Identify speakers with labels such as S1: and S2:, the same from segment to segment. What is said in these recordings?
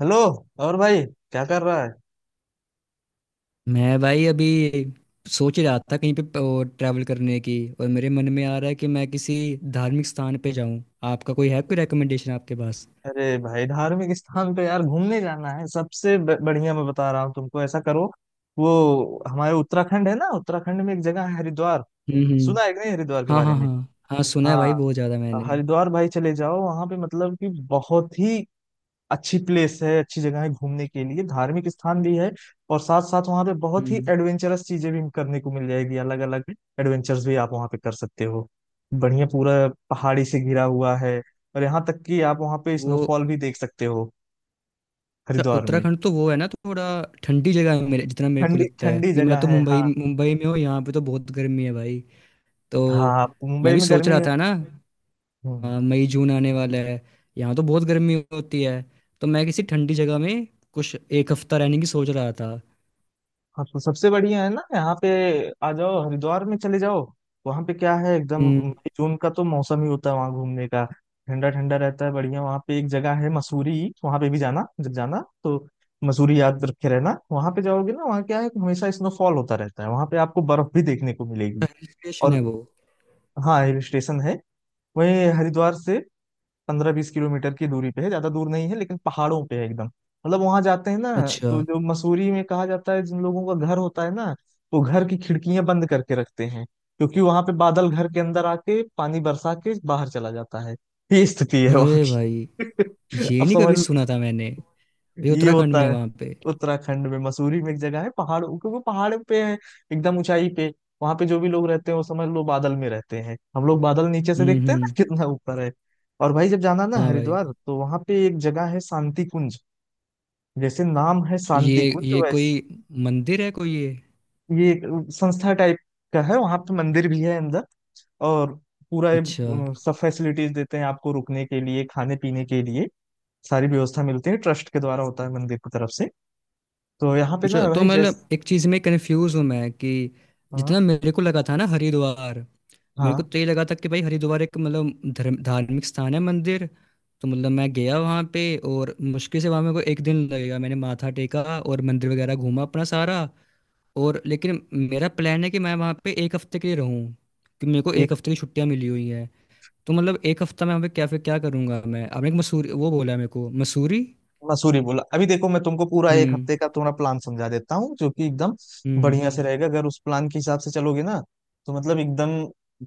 S1: Hello. और भाई, क्या कर रहा है?
S2: मैं भाई अभी सोच रहा था कहीं पे ट्रैवल करने की। और मेरे मन में आ रहा है कि मैं किसी धार्मिक स्थान पे जाऊं। आपका कोई है, कोई रिकमेंडेशन आपके पास?
S1: अरे भाई, धार्मिक स्थान पे यार घूमने जाना है सबसे बढ़िया मैं बता रहा हूँ तुमको। ऐसा करो, वो हमारे उत्तराखंड है ना, उत्तराखंड में एक जगह है हरिद्वार।
S2: हम्म। हम्म।
S1: सुना है कि नहीं हरिद्वार के
S2: हाँ
S1: बारे
S2: हाँ
S1: में?
S2: हाँ। हाँ सुना है भाई
S1: हाँ,
S2: बहुत ज़्यादा मैंने।
S1: हरिद्वार भाई, चले जाओ वहां पे, मतलब कि बहुत ही अच्छी प्लेस है, अच्छी जगह है घूमने के लिए, धार्मिक स्थान भी है। और साथ साथ वहाँ पे बहुत ही
S2: हम्म।
S1: एडवेंचरस चीजें भी करने को मिल जाएगी अलग अलग। एडवेंचर्स भी आप वहाँ पे कर सकते हो। बढ़िया पूरा पहाड़ी से घिरा हुआ है। और यहाँ तक कि आप वहाँ पे
S2: वो
S1: स्नोफॉल भी देख सकते हो
S2: अच्छा,
S1: हरिद्वार में।
S2: उत्तराखंड तो वो है ना, थोड़ा ठंडी जगह है। मेरे जितना मेरे को
S1: ठंडी
S2: लगता है
S1: ठंडी
S2: कि मैं
S1: जगह
S2: तो
S1: है,
S2: मुंबई
S1: हाँ।
S2: मुंबई में हूँ, यहाँ पे तो बहुत गर्मी है भाई। तो
S1: हाँ,
S2: मैं
S1: मुंबई
S2: भी
S1: में
S2: सोच
S1: गर्मी
S2: रहा
S1: है।
S2: था ना।
S1: हम्म।
S2: हाँ, मई जून आने वाला है, यहाँ तो बहुत गर्मी होती है। तो मैं किसी ठंडी जगह में कुछ एक हफ्ता रहने की सोच रहा था।
S1: हाँ, तो सबसे बढ़िया है ना, यहाँ पे आ जाओ, हरिद्वार में चले जाओ। वहाँ पे क्या है, एकदम
S2: हम्म।
S1: मई जून का तो मौसम ही होता है वहाँ घूमने का। ठंडा ठंडा रहता है बढ़िया। वहाँ पे एक जगह है मसूरी, वहाँ पे भी जाना, जब जाना तो मसूरी याद रखे रहना। वहाँ पे जाओगे ना, वहाँ क्या है कि हमेशा स्नोफॉल होता रहता है, वहाँ पे आपको बर्फ भी देखने को मिलेगी।
S2: हिल स्टेशन है
S1: और
S2: वो?
S1: हाँ, हिल स्टेशन है। वहीं हरिद्वार से 15-20 किलोमीटर की दूरी पे है, ज्यादा दूर नहीं है, लेकिन पहाड़ों पे है एकदम, मतलब वहां जाते हैं ना
S2: अच्छा।
S1: तो जो मसूरी में कहा जाता है, जिन लोगों का घर होता है ना, वो घर की खिड़कियां बंद करके रखते हैं, क्योंकि वहां पे बादल घर के अंदर आके पानी बरसा के बाहर चला जाता है। ये स्थिति है वहां
S2: अरे भाई,
S1: की।
S2: ये
S1: अब
S2: नहीं
S1: समझ।
S2: कभी सुना था मैंने। ये
S1: ये
S2: उत्तराखंड
S1: होता
S2: में है
S1: है
S2: वहाँ पे?
S1: उत्तराखंड में, मसूरी में एक जगह है पहाड़, क्योंकि पहाड़ पे है एकदम ऊंचाई पे। वहां पे जो भी लोग रहते हैं वो समझ लो बादल में रहते हैं, हम लोग बादल नीचे से
S2: हम्म।
S1: देखते हैं ना
S2: हम्म।
S1: कितना ऊपर है। और भाई, जब जाना ना
S2: हाँ भाई।
S1: हरिद्वार, तो वहां पे एक जगह है शांति कुंज। जैसे नाम है
S2: ये
S1: शांति कुंज
S2: ये कोई
S1: वैसे,
S2: मंदिर है, कोई ये?
S1: ये एक संस्था टाइप का है, वहां पे मंदिर भी है अंदर। और पूरा ये,
S2: अच्छा।
S1: सब फैसिलिटीज देते हैं आपको रुकने के लिए, खाने पीने के लिए। सारी व्यवस्था मिलती है, ट्रस्ट के द्वारा होता है, मंदिर की तरफ से। तो यहाँ पे
S2: अच्छा,
S1: ना
S2: तो
S1: भाई, जैसे
S2: मतलब एक चीज़ में कंफ्यूज हूँ मैं कि
S1: हाँ,
S2: जितना मेरे को लगा था ना हरिद्वार, मेरे
S1: हाँ।
S2: को तो ये लगा था कि भाई हरिद्वार एक, मतलब, धर्म धार्मिक स्थान है, मंदिर। तो मतलब मैं गया वहाँ पे, और मुश्किल से वहाँ मेरे को एक दिन लगेगा, मैंने माथा टेका और मंदिर वगैरह घूमा अपना सारा। और लेकिन मेरा प्लान है कि मैं वहाँ पे एक हफ्ते के लिए रहूँ, कि मेरे को एक
S1: एक
S2: हफ्ते की छुट्टियाँ मिली हुई हैं। तो मतलब एक हफ्ता मैं वहाँ पे क्या, फिर क्या करूँगा मैं? आपने एक मसूरी वो बोला है मेरे को, मसूरी?
S1: मसूरी बोला अभी, देखो मैं तुमको पूरा एक
S2: हम्म।
S1: हफ्ते का थोड़ा प्लान समझा देता हूँ, जो कि एकदम
S2: हम्म।
S1: बढ़िया से रहेगा अगर उस प्लान के हिसाब से चलोगे ना। तो मतलब एकदम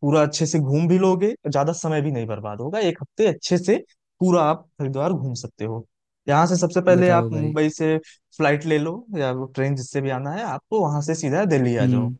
S1: पूरा अच्छे से घूम भी लोगे, ज्यादा समय भी नहीं बर्बाद होगा, एक हफ्ते अच्छे से पूरा आप हरिद्वार घूम सकते हो। यहाँ से सबसे पहले आप
S2: बताओ भाई।
S1: मुंबई से फ्लाइट ले लो या ट्रेन, जिससे भी आना है आपको, वहां से सीधा दिल्ली आ जाओ।
S2: हम्म।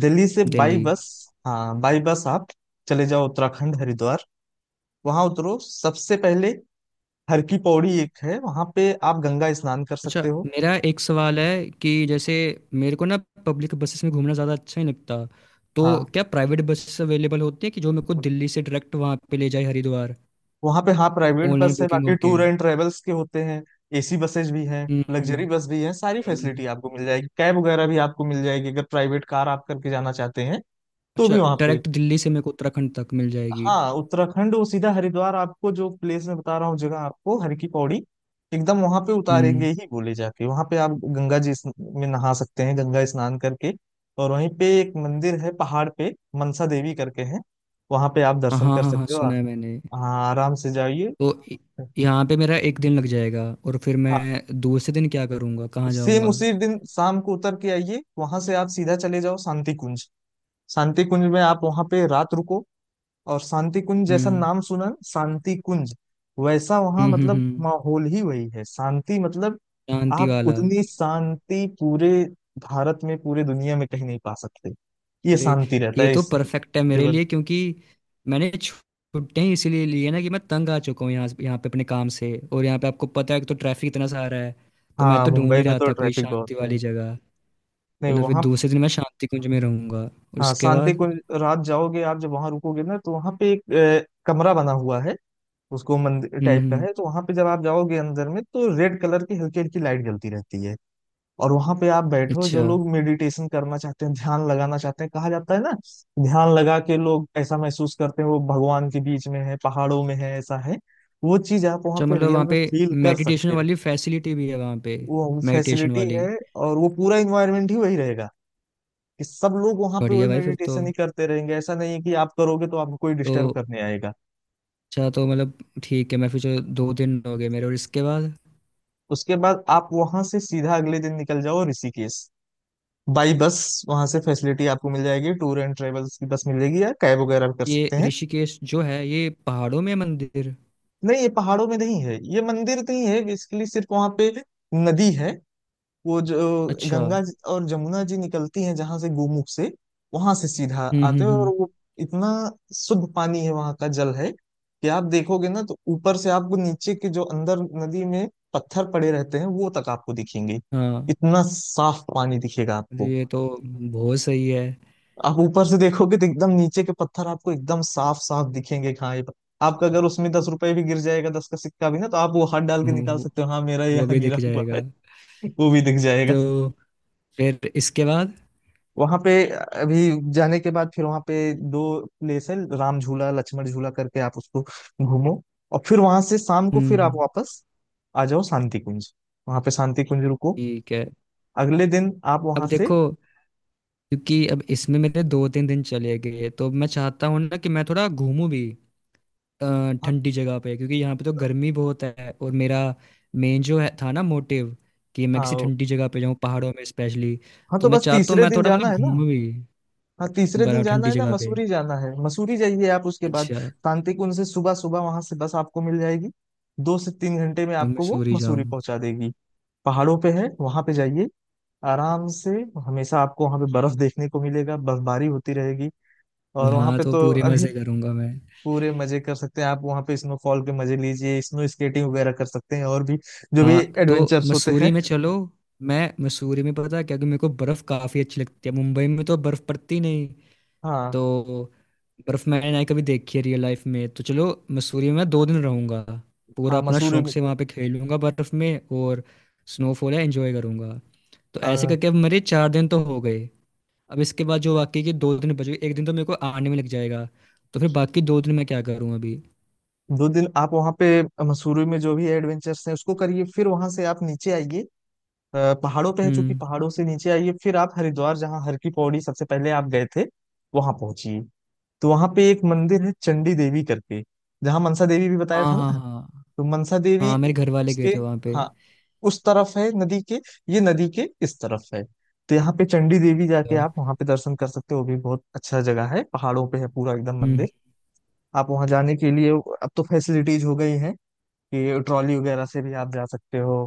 S1: दिल्ली से बाई
S2: दिल्ली?
S1: बस। हाँ, बाई बस आप चले जाओ उत्तराखंड हरिद्वार। वहां उतरो सबसे पहले, हर की पौड़ी एक है, वहां पे आप गंगा स्नान कर
S2: अच्छा,
S1: सकते हो।
S2: मेरा एक सवाल है कि जैसे मेरे को ना पब्लिक बसेस में घूमना ज़्यादा अच्छा नहीं लगता। तो
S1: हाँ,
S2: क्या प्राइवेट बसेस अवेलेबल होती है कि जो मेरे को दिल्ली से डायरेक्ट वहाँ पे ले जाए हरिद्वार?
S1: वहां पे हाँ, प्राइवेट
S2: ऑनलाइन
S1: बस है,
S2: बुकिंग
S1: बाकी
S2: होके?
S1: टूर एंड ट्रेवल्स के होते हैं। एसी बसेज भी हैं,
S2: हम्म।
S1: लग्जरी
S2: हम्म।
S1: बस भी हैं, सारी
S2: हम्म।
S1: फैसिलिटी आपको मिल जाएगी, कैब वगैरह भी आपको मिल जाएगी अगर प्राइवेट कार आप करके जाना चाहते हैं तो
S2: अच्छा,
S1: भी वहां पे।
S2: डायरेक्ट दिल्ली से मेरे को उत्तराखंड तक मिल जाएगी?
S1: हाँ, उत्तराखंड वो सीधा हरिद्वार आपको जो प्लेस में बता रहा हूँ, जगह आपको हर की पौड़ी, एकदम वहां पे उतारेंगे
S2: हम्म।
S1: ही, बोले जाके वहां पे आप गंगा जी में नहा सकते हैं, गंगा स्नान करके। और वहीं पे एक मंदिर है पहाड़ पे, मनसा देवी करके है, वहां पे आप
S2: हाँ
S1: दर्शन
S2: हाँ
S1: कर
S2: हाँ हाँ,
S1: सकते हो।
S2: सुना है मैंने।
S1: हाँ आराम से जाइए।
S2: तो यहाँ पे मेरा एक दिन लग जाएगा, और फिर
S1: हाँ,
S2: मैं दूसरे दिन क्या करूँगा, कहाँ
S1: सेम
S2: जाऊँगा?
S1: उसी दिन शाम को उतर के आइए, वहां से आप सीधा चले जाओ शांति कुंज। शांति कुंज में आप वहां पे रात रुको। और शांति कुंज, जैसा
S2: हम्म।
S1: नाम सुना ना, शांति कुंज, वैसा वहां
S2: हम्म। हम्म।
S1: मतलब
S2: हम्म।
S1: माहौल ही वही है, शांति मतलब
S2: शांति
S1: आप
S2: वाला।
S1: उतनी शांति पूरे भारत में, पूरे दुनिया में कहीं नहीं पा सकते। ये
S2: अरे,
S1: शांति रहता
S2: ये
S1: है,
S2: तो
S1: इस
S2: परफेक्ट है मेरे
S1: लेवल।
S2: लिए, क्योंकि मैंने छुट्टियां ही इसीलिए ली है ना, कि मैं तंग आ चुका हूँ यहाँ यहाँ पे अपने काम से, और यहाँ पे आपको पता है कि तो ट्रैफिक इतना सारा है। तो मैं
S1: हाँ,
S2: तो ढूंढ
S1: मुंबई
S2: ही
S1: में
S2: रहा
S1: तो
S2: था कोई
S1: ट्रैफिक बहुत
S2: शांति
S1: है,
S2: वाली जगह।
S1: नहीं
S2: चलो फिर
S1: वहाँ।
S2: दूसरे दिन मैं शांति कुंज में रहूंगा, और
S1: हाँ,
S2: उसके
S1: शांति
S2: बाद?
S1: कुंज रात जाओगे आप, जब वहाँ रुकोगे ना, तो वहाँ पे एक कमरा बना हुआ है, उसको मंदिर
S2: हम्म।
S1: टाइप का
S2: हम्म।
S1: है, तो वहाँ पे जब आप जाओगे अंदर में, तो रेड कलर की हल्की हल्की लाइट जलती रहती है। और वहां पे आप बैठो, जो
S2: अच्छा।
S1: लोग मेडिटेशन करना चाहते हैं, ध्यान लगाना चाहते हैं, कहा जाता है ना, ध्यान लगा के लोग ऐसा महसूस करते हैं वो भगवान के बीच में है, पहाड़ों में है, ऐसा है। वो चीज आप वहां
S2: अच्छा,
S1: पे
S2: मतलब
S1: रियल
S2: वहाँ
S1: में
S2: पे
S1: फील कर
S2: मेडिटेशन
S1: सकते हो।
S2: वाली फैसिलिटी भी है वहाँ पे?
S1: वो
S2: मेडिटेशन
S1: फैसिलिटी
S2: वाली?
S1: है, और वो पूरा इन्वायरमेंट ही वही रहेगा, कि सब लोग वहां पे वही
S2: बढ़िया भाई, फिर तो।
S1: मेडिटेशन ही करते रहेंगे, ऐसा नहीं है कि आप करोगे तो आपको कोई डिस्टर्ब
S2: तो
S1: करने आएगा।
S2: अच्छा, तो मतलब ठीक है, मैं फिर, जो 2 दिन हो गए मेरे, और इसके बाद?
S1: उसके बाद आप वहां से सीधा अगले दिन निकल जाओ ऋषिकेश, बाई बस। वहां से फैसिलिटी आपको मिल जाएगी, टूर एंड ट्रेवल्स की बस मिलेगी या कैब वगैरह भी कर
S2: ये
S1: सकते हैं।
S2: ऋषिकेश जो है, ये पहाड़ों में है, मंदिर?
S1: नहीं, ये पहाड़ों में नहीं है, ये मंदिर नहीं है बेसिकली, सिर्फ वहां पे नदी है। वो जो
S2: अच्छा।
S1: गंगा
S2: हम्म।
S1: जी और जमुना जी निकलती हैं, जहां से गोमुख से वहां से सीधा
S2: हम्म।
S1: आते हैं, और
S2: हम्म।
S1: वो इतना शुद्ध पानी है वहां का, जल है कि आप देखोगे ना तो ऊपर से आपको नीचे के जो अंदर नदी में पत्थर पड़े रहते हैं वो तक आपको दिखेंगे।
S2: हाँ।
S1: इतना साफ पानी दिखेगा
S2: अरे,
S1: आपको।
S2: ये तो बहुत सही है।
S1: आप ऊपर से देखोगे तो एकदम नीचे के पत्थर आपको एकदम साफ साफ दिखेंगे, कि हाँ ये आपका अगर उसमें 10 रुपए भी गिर जाएगा, 10 का सिक्का भी ना, तो आप वो हाथ डाल के निकाल
S2: वो
S1: सकते हो, हाँ मेरा
S2: वो
S1: यहाँ
S2: भी
S1: गिरा
S2: दिख
S1: हुआ है।
S2: जाएगा?
S1: वो भी दिख जाएगा।
S2: तो फिर इसके बाद?
S1: वहां पे अभी जाने के बाद फिर वहां पे दो प्लेस है, राम झूला, लक्ष्मण झूला करके, आप उसको घूमो। और फिर वहां से शाम को
S2: हम्म।
S1: फिर आप वापस आ जाओ शांति कुंज, वहां पे शांति कुंज रुको।
S2: ठीक है।
S1: अगले दिन आप वहां
S2: अब
S1: से
S2: देखो, क्योंकि अब इसमें मेरे 2-3 दिन चले गए, तो मैं चाहता हूँ ना कि मैं थोड़ा घूमूं भी अ,
S1: हाँ,
S2: ठंडी जगह पे, क्योंकि यहाँ पे तो गर्मी बहुत है, और मेरा मेन जो है था ना मोटिव, कि मैं किसी
S1: हाँ
S2: ठंडी जगह पे जाऊँ, पहाड़ों में स्पेशली।
S1: हाँ,
S2: तो
S1: तो
S2: मैं
S1: बस
S2: चाहता हूँ
S1: तीसरे
S2: मैं
S1: दिन
S2: थोड़ा,
S1: जाना
S2: मतलब,
S1: है ना।
S2: घूमूं भी,
S1: हाँ, तीसरे दिन
S2: बड़ा
S1: जाना
S2: ठंडी
S1: है ना,
S2: जगह पे।
S1: मसूरी जाना है, मसूरी जाइए आप उसके बाद।
S2: अच्छा,
S1: शांतिकुंज से सुबह सुबह वहां से बस आपको मिल जाएगी, 2 से 3 घंटे में
S2: तो
S1: आपको वो
S2: मसूरी
S1: मसूरी
S2: जाऊँ?
S1: पहुंचा देगी। पहाड़ों पे है, वहां पे जाइए आराम से। हमेशा आपको वहां पे बर्फ देखने को मिलेगा, बर्फबारी होती रहेगी। और वहां
S2: वहाँ
S1: पे
S2: तो
S1: तो
S2: पूरे
S1: अभी
S2: मजे करूंगा मैं।
S1: पूरे मजे कर सकते हैं आप, वहां पे स्नोफॉल के मजे लीजिए, स्नो स्केटिंग वगैरह कर सकते हैं और भी जो भी
S2: वहाँ तो
S1: एडवेंचर्स होते हैं।
S2: मसूरी में चलो, मैं मसूरी में, पता है क्या, कि मेरे को बर्फ काफी अच्छी लगती है, मुंबई में तो बर्फ पड़ती नहीं।
S1: हाँ।
S2: तो बर्फ मैंने ना ही कभी देखी है रियल लाइफ में, तो चलो मसूरी में मैं 2 दिन रहूंगा, पूरा
S1: हाँ
S2: अपना शौक से वहाँ पे खेलूंगा बर्फ में, और स्नोफॉल है एंजॉय करूंगा। तो ऐसे
S1: हाँ,
S2: करके अब मेरे 4 दिन तो हो गए। अब इसके बाद जो बाकी के 2 दिन बच गए, एक दिन तो मेरे को आने में लग जाएगा। तो फिर बाकी 2 दिन मैं क्या करूँ अभी?
S1: 2 दिन आप वहाँ पे मसूरी में जो भी एडवेंचर्स हैं उसको करिए। फिर वहाँ से आप नीचे आइए, पहाड़ों पे है, चूंकि
S2: हम्म।
S1: पहाड़ों से नीचे आइए फिर आप हरिद्वार, जहाँ हर की पौड़ी सबसे पहले आप गए थे वहाँ पहुंचिए। तो वहाँ पे एक मंदिर है चंडी देवी करके, जहाँ मनसा देवी भी बताया
S2: हाँ
S1: था
S2: हाँ
S1: ना,
S2: हाँ।
S1: तो मनसा देवी
S2: हाँ, मेरे घर वाले
S1: उसके,
S2: गए थे वहाँ पे।
S1: हाँ, उस तरफ है नदी के, ये नदी के इस तरफ है। तो यहाँ पे चंडी देवी जाके
S2: अ,
S1: आप वहाँ पे दर्शन कर सकते हो। वो भी बहुत अच्छा जगह है, पहाड़ों पे है, पूरा एकदम
S2: हम्म।
S1: मंदिर। आप वहाँ जाने के लिए अब तो फैसिलिटीज हो गई हैं कि ट्रॉली वगैरह से भी आप जा सकते हो,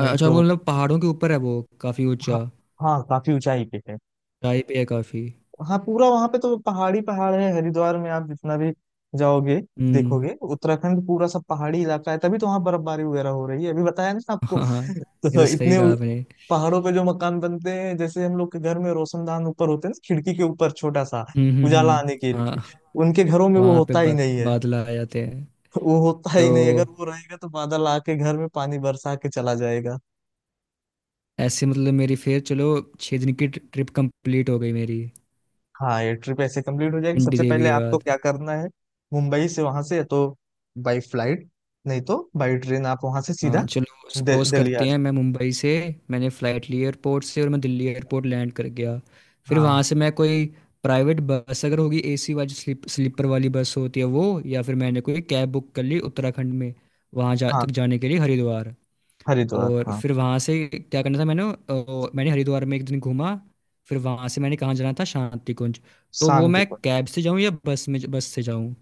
S1: नहीं
S2: वो
S1: तो
S2: मतलब पहाड़ों के ऊपर है वो, काफ़ी ऊंचा?
S1: हाँ। हाँ, काफी ऊंचाई पे है।
S2: ऊंचाई पे है काफ़ी।
S1: हाँ, पूरा वहां पे तो पहाड़ी पहाड़ है, हरिद्वार में आप जितना भी जाओगे,
S2: हम्म।
S1: देखोगे उत्तराखंड पूरा सब पहाड़ी इलाका है, तभी तो वहाँ बर्फबारी वगैरह हो रही है, अभी बताया ना आपको।
S2: हाँ हाँ, ये
S1: तो
S2: तो सही कहा आपने।
S1: पहाड़ों पे जो मकान बनते हैं, जैसे हम लोग के घर में रोशनदान ऊपर होते हैं ना, खिड़की के ऊपर छोटा सा
S2: हम्म। हम्म।
S1: उजाला आने के लिए,
S2: हाँ।
S1: उनके घरों में वो
S2: वहाँ पे
S1: होता ही नहीं है।
S2: बादल आ जाते हैं।
S1: वो होता ही नहीं,
S2: तो
S1: अगर वो रहेगा तो बादल आके घर में पानी बरसा के चला जाएगा।
S2: ऐसे, मतलब, मेरी फिर चलो 6 दिन की ट्रिप कंप्लीट हो गई मेरी।
S1: हाँ, ये ट्रिप ऐसे कंप्लीट हो जाएगी।
S2: पिंडी
S1: सबसे
S2: देवी
S1: पहले
S2: के
S1: आपको
S2: बाद?
S1: क्या करना है, मुंबई से वहां से या तो बाई फ्लाइट, नहीं तो बाई ट्रेन आप वहां से
S2: हाँ
S1: सीधा
S2: चलो, सपोज
S1: दिल्ली आ
S2: करते हैं
S1: जाओ।
S2: मैं मुंबई से, मैंने फ़्लाइट ली एयरपोर्ट से, और मैं दिल्ली एयरपोर्ट लैंड कर गया। फिर वहाँ
S1: हाँ
S2: से मैं कोई प्राइवेट बस, अगर होगी, एसी वाली, स्लीपर वाली बस होती है वो, या फिर मैंने कोई कैब बुक कर ली उत्तराखंड में, वहाँ जा तक
S1: हाँ,
S2: जाने के लिए, हरिद्वार।
S1: हरिद्वार
S2: और
S1: हाँ।
S2: फिर वहाँ से क्या करना था मैंने? मैंने हरिद्वार में एक दिन घूमा। फिर वहाँ से मैंने कहाँ जाना था, शांति कुंज? तो वो
S1: शांति
S2: मैं
S1: कुंज
S2: कैब से जाऊँ या बस से जाऊँ?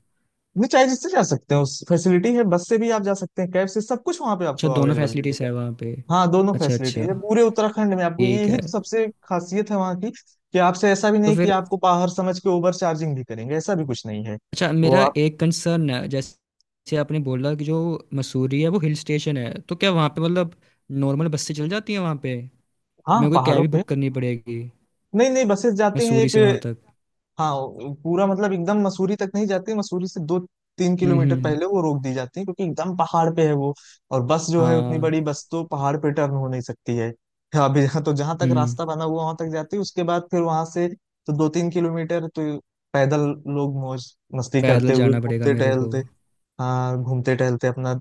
S1: नहीं, चाहे जिससे जा सकते हैं उस फैसिलिटी है, बस से भी आप जा सकते हैं, कैब से, सब कुछ वहां पे
S2: अच्छा,
S1: आपको
S2: दोनों
S1: अवेलेबल
S2: फैसिलिटीज़
S1: मिलेगा।
S2: है वहाँ पे?
S1: हाँ, दोनों
S2: अच्छा।
S1: फैसिलिटी
S2: अच्छा,
S1: है पूरे उत्तराखंड में, आपको
S2: ठीक
S1: यही
S2: है।
S1: तो सबसे खासियत है वहाँ की, कि आपसे ऐसा भी
S2: तो
S1: नहीं कि
S2: फिर,
S1: आपको बाहर समझ के ओवर चार्जिंग भी करेंगे, ऐसा भी कुछ नहीं है।
S2: अच्छा,
S1: वो
S2: मेरा
S1: आप
S2: एक कंसर्न है, जैसे आपने बोला कि जो मसूरी है वो हिल स्टेशन है, तो क्या वहाँ पे, मतलब, नॉर्मल बस से चल जाती है वहाँ पे, कि
S1: हाँ,
S2: मेरे को कैब
S1: पहाड़ों
S2: ही
S1: पे
S2: बुक करनी पड़ेगी
S1: नहीं, नहीं, बसेस जाती हैं
S2: मसूरी से वहाँ
S1: एक।
S2: तक?
S1: हाँ, वो पूरा मतलब एकदम मसूरी तक नहीं जाती, मसूरी से दो तीन
S2: हम्म।
S1: किलोमीटर
S2: हम्म।
S1: पहले वो रोक दी जाती है, क्योंकि एकदम पहाड़ पे है वो। और बस जो है, उतनी
S2: हाँ।
S1: बड़ी बस तो पहाड़ पे टर्न हो नहीं सकती है। हाँ, अभी यहाँ तो जहां तक
S2: हम्म।
S1: रास्ता बना हुआ वहां तक जाती है, उसके बाद फिर वहां से तो 2-3 किलोमीटर तो पैदल लोग मौज मस्ती करते
S2: पैदल
S1: हुए
S2: जाना पड़ेगा
S1: घूमते
S2: मेरे को?
S1: टहलते, हाँ, घूमते टहलते अपना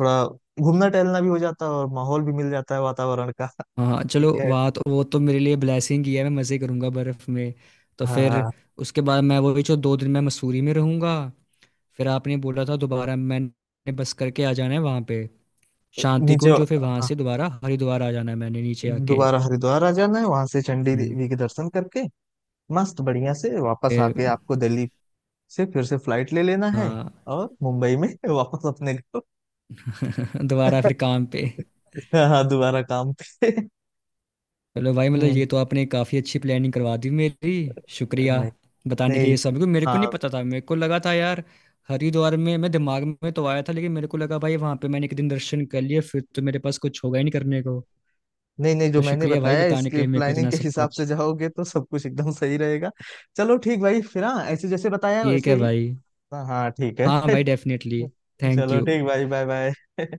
S1: थोड़ा घूमना टहलना भी हो जाता है, और माहौल भी मिल जाता है वातावरण का।
S2: हाँ हाँ,
S1: ठीक
S2: चलो,
S1: है।
S2: वहाँ तो वो तो मेरे लिए ब्लेसिंग ही है, मैं मज़े करूँगा बर्फ़ में। तो फिर
S1: हाँ
S2: उसके बाद मैं वही, जो 2 दिन मैं मसूरी में रहूँगा, फिर आपने बोला था, दोबारा मैंने बस करके आ जाना है वहाँ पे शांति
S1: नीचे,
S2: कुंज, और फिर वहां
S1: हाँ,
S2: से दोबारा हरिद्वार आ जाना है मैंने, नीचे आके।
S1: दोबारा हरिद्वार आ जाना है, वहां से चंडी
S2: हम्म,
S1: देवी के दर्शन करके मस्त बढ़िया से वापस आके
S2: फिर।
S1: आपको दिल्ली से फिर से फ्लाइट ले लेना है।
S2: हाँ।
S1: और मुंबई में वापस अपने को।
S2: दोबारा फिर काम पे।
S1: हाँ, दोबारा काम पे।
S2: चलो भाई, मतलब
S1: हम्म।
S2: ये तो आपने काफ़ी अच्छी प्लानिंग करवा दी मेरी। शुक्रिया
S1: नहीं
S2: बताने के
S1: नहीं,
S2: लिए, सब मेरे को नहीं
S1: हाँ।
S2: पता था, मेरे को लगा था यार हरिद्वार में, मैं, दिमाग में तो आया था, लेकिन मेरे को लगा भाई वहां पे मैंने एक दिन दर्शन कर लिए, फिर तो मेरे पास कुछ होगा ही नहीं करने को।
S1: नहीं नहीं, जो
S2: तो
S1: मैंने
S2: शुक्रिया भाई
S1: बताया
S2: बताने के
S1: इसके
S2: लिए मेरे को
S1: प्लानिंग
S2: इतना
S1: के
S2: सब
S1: हिसाब से
S2: कुछ।
S1: जाओगे तो सब कुछ एकदम सही रहेगा। चलो ठीक भाई, फिर हाँ, ऐसे जैसे बताया है
S2: ठीक
S1: वैसे
S2: है
S1: ही।
S2: भाई।
S1: हाँ हाँ, ठीक है।
S2: हाँ भाई डेफिनेटली। थैंक
S1: चलो
S2: यू।
S1: ठीक भाई, बाय बाय।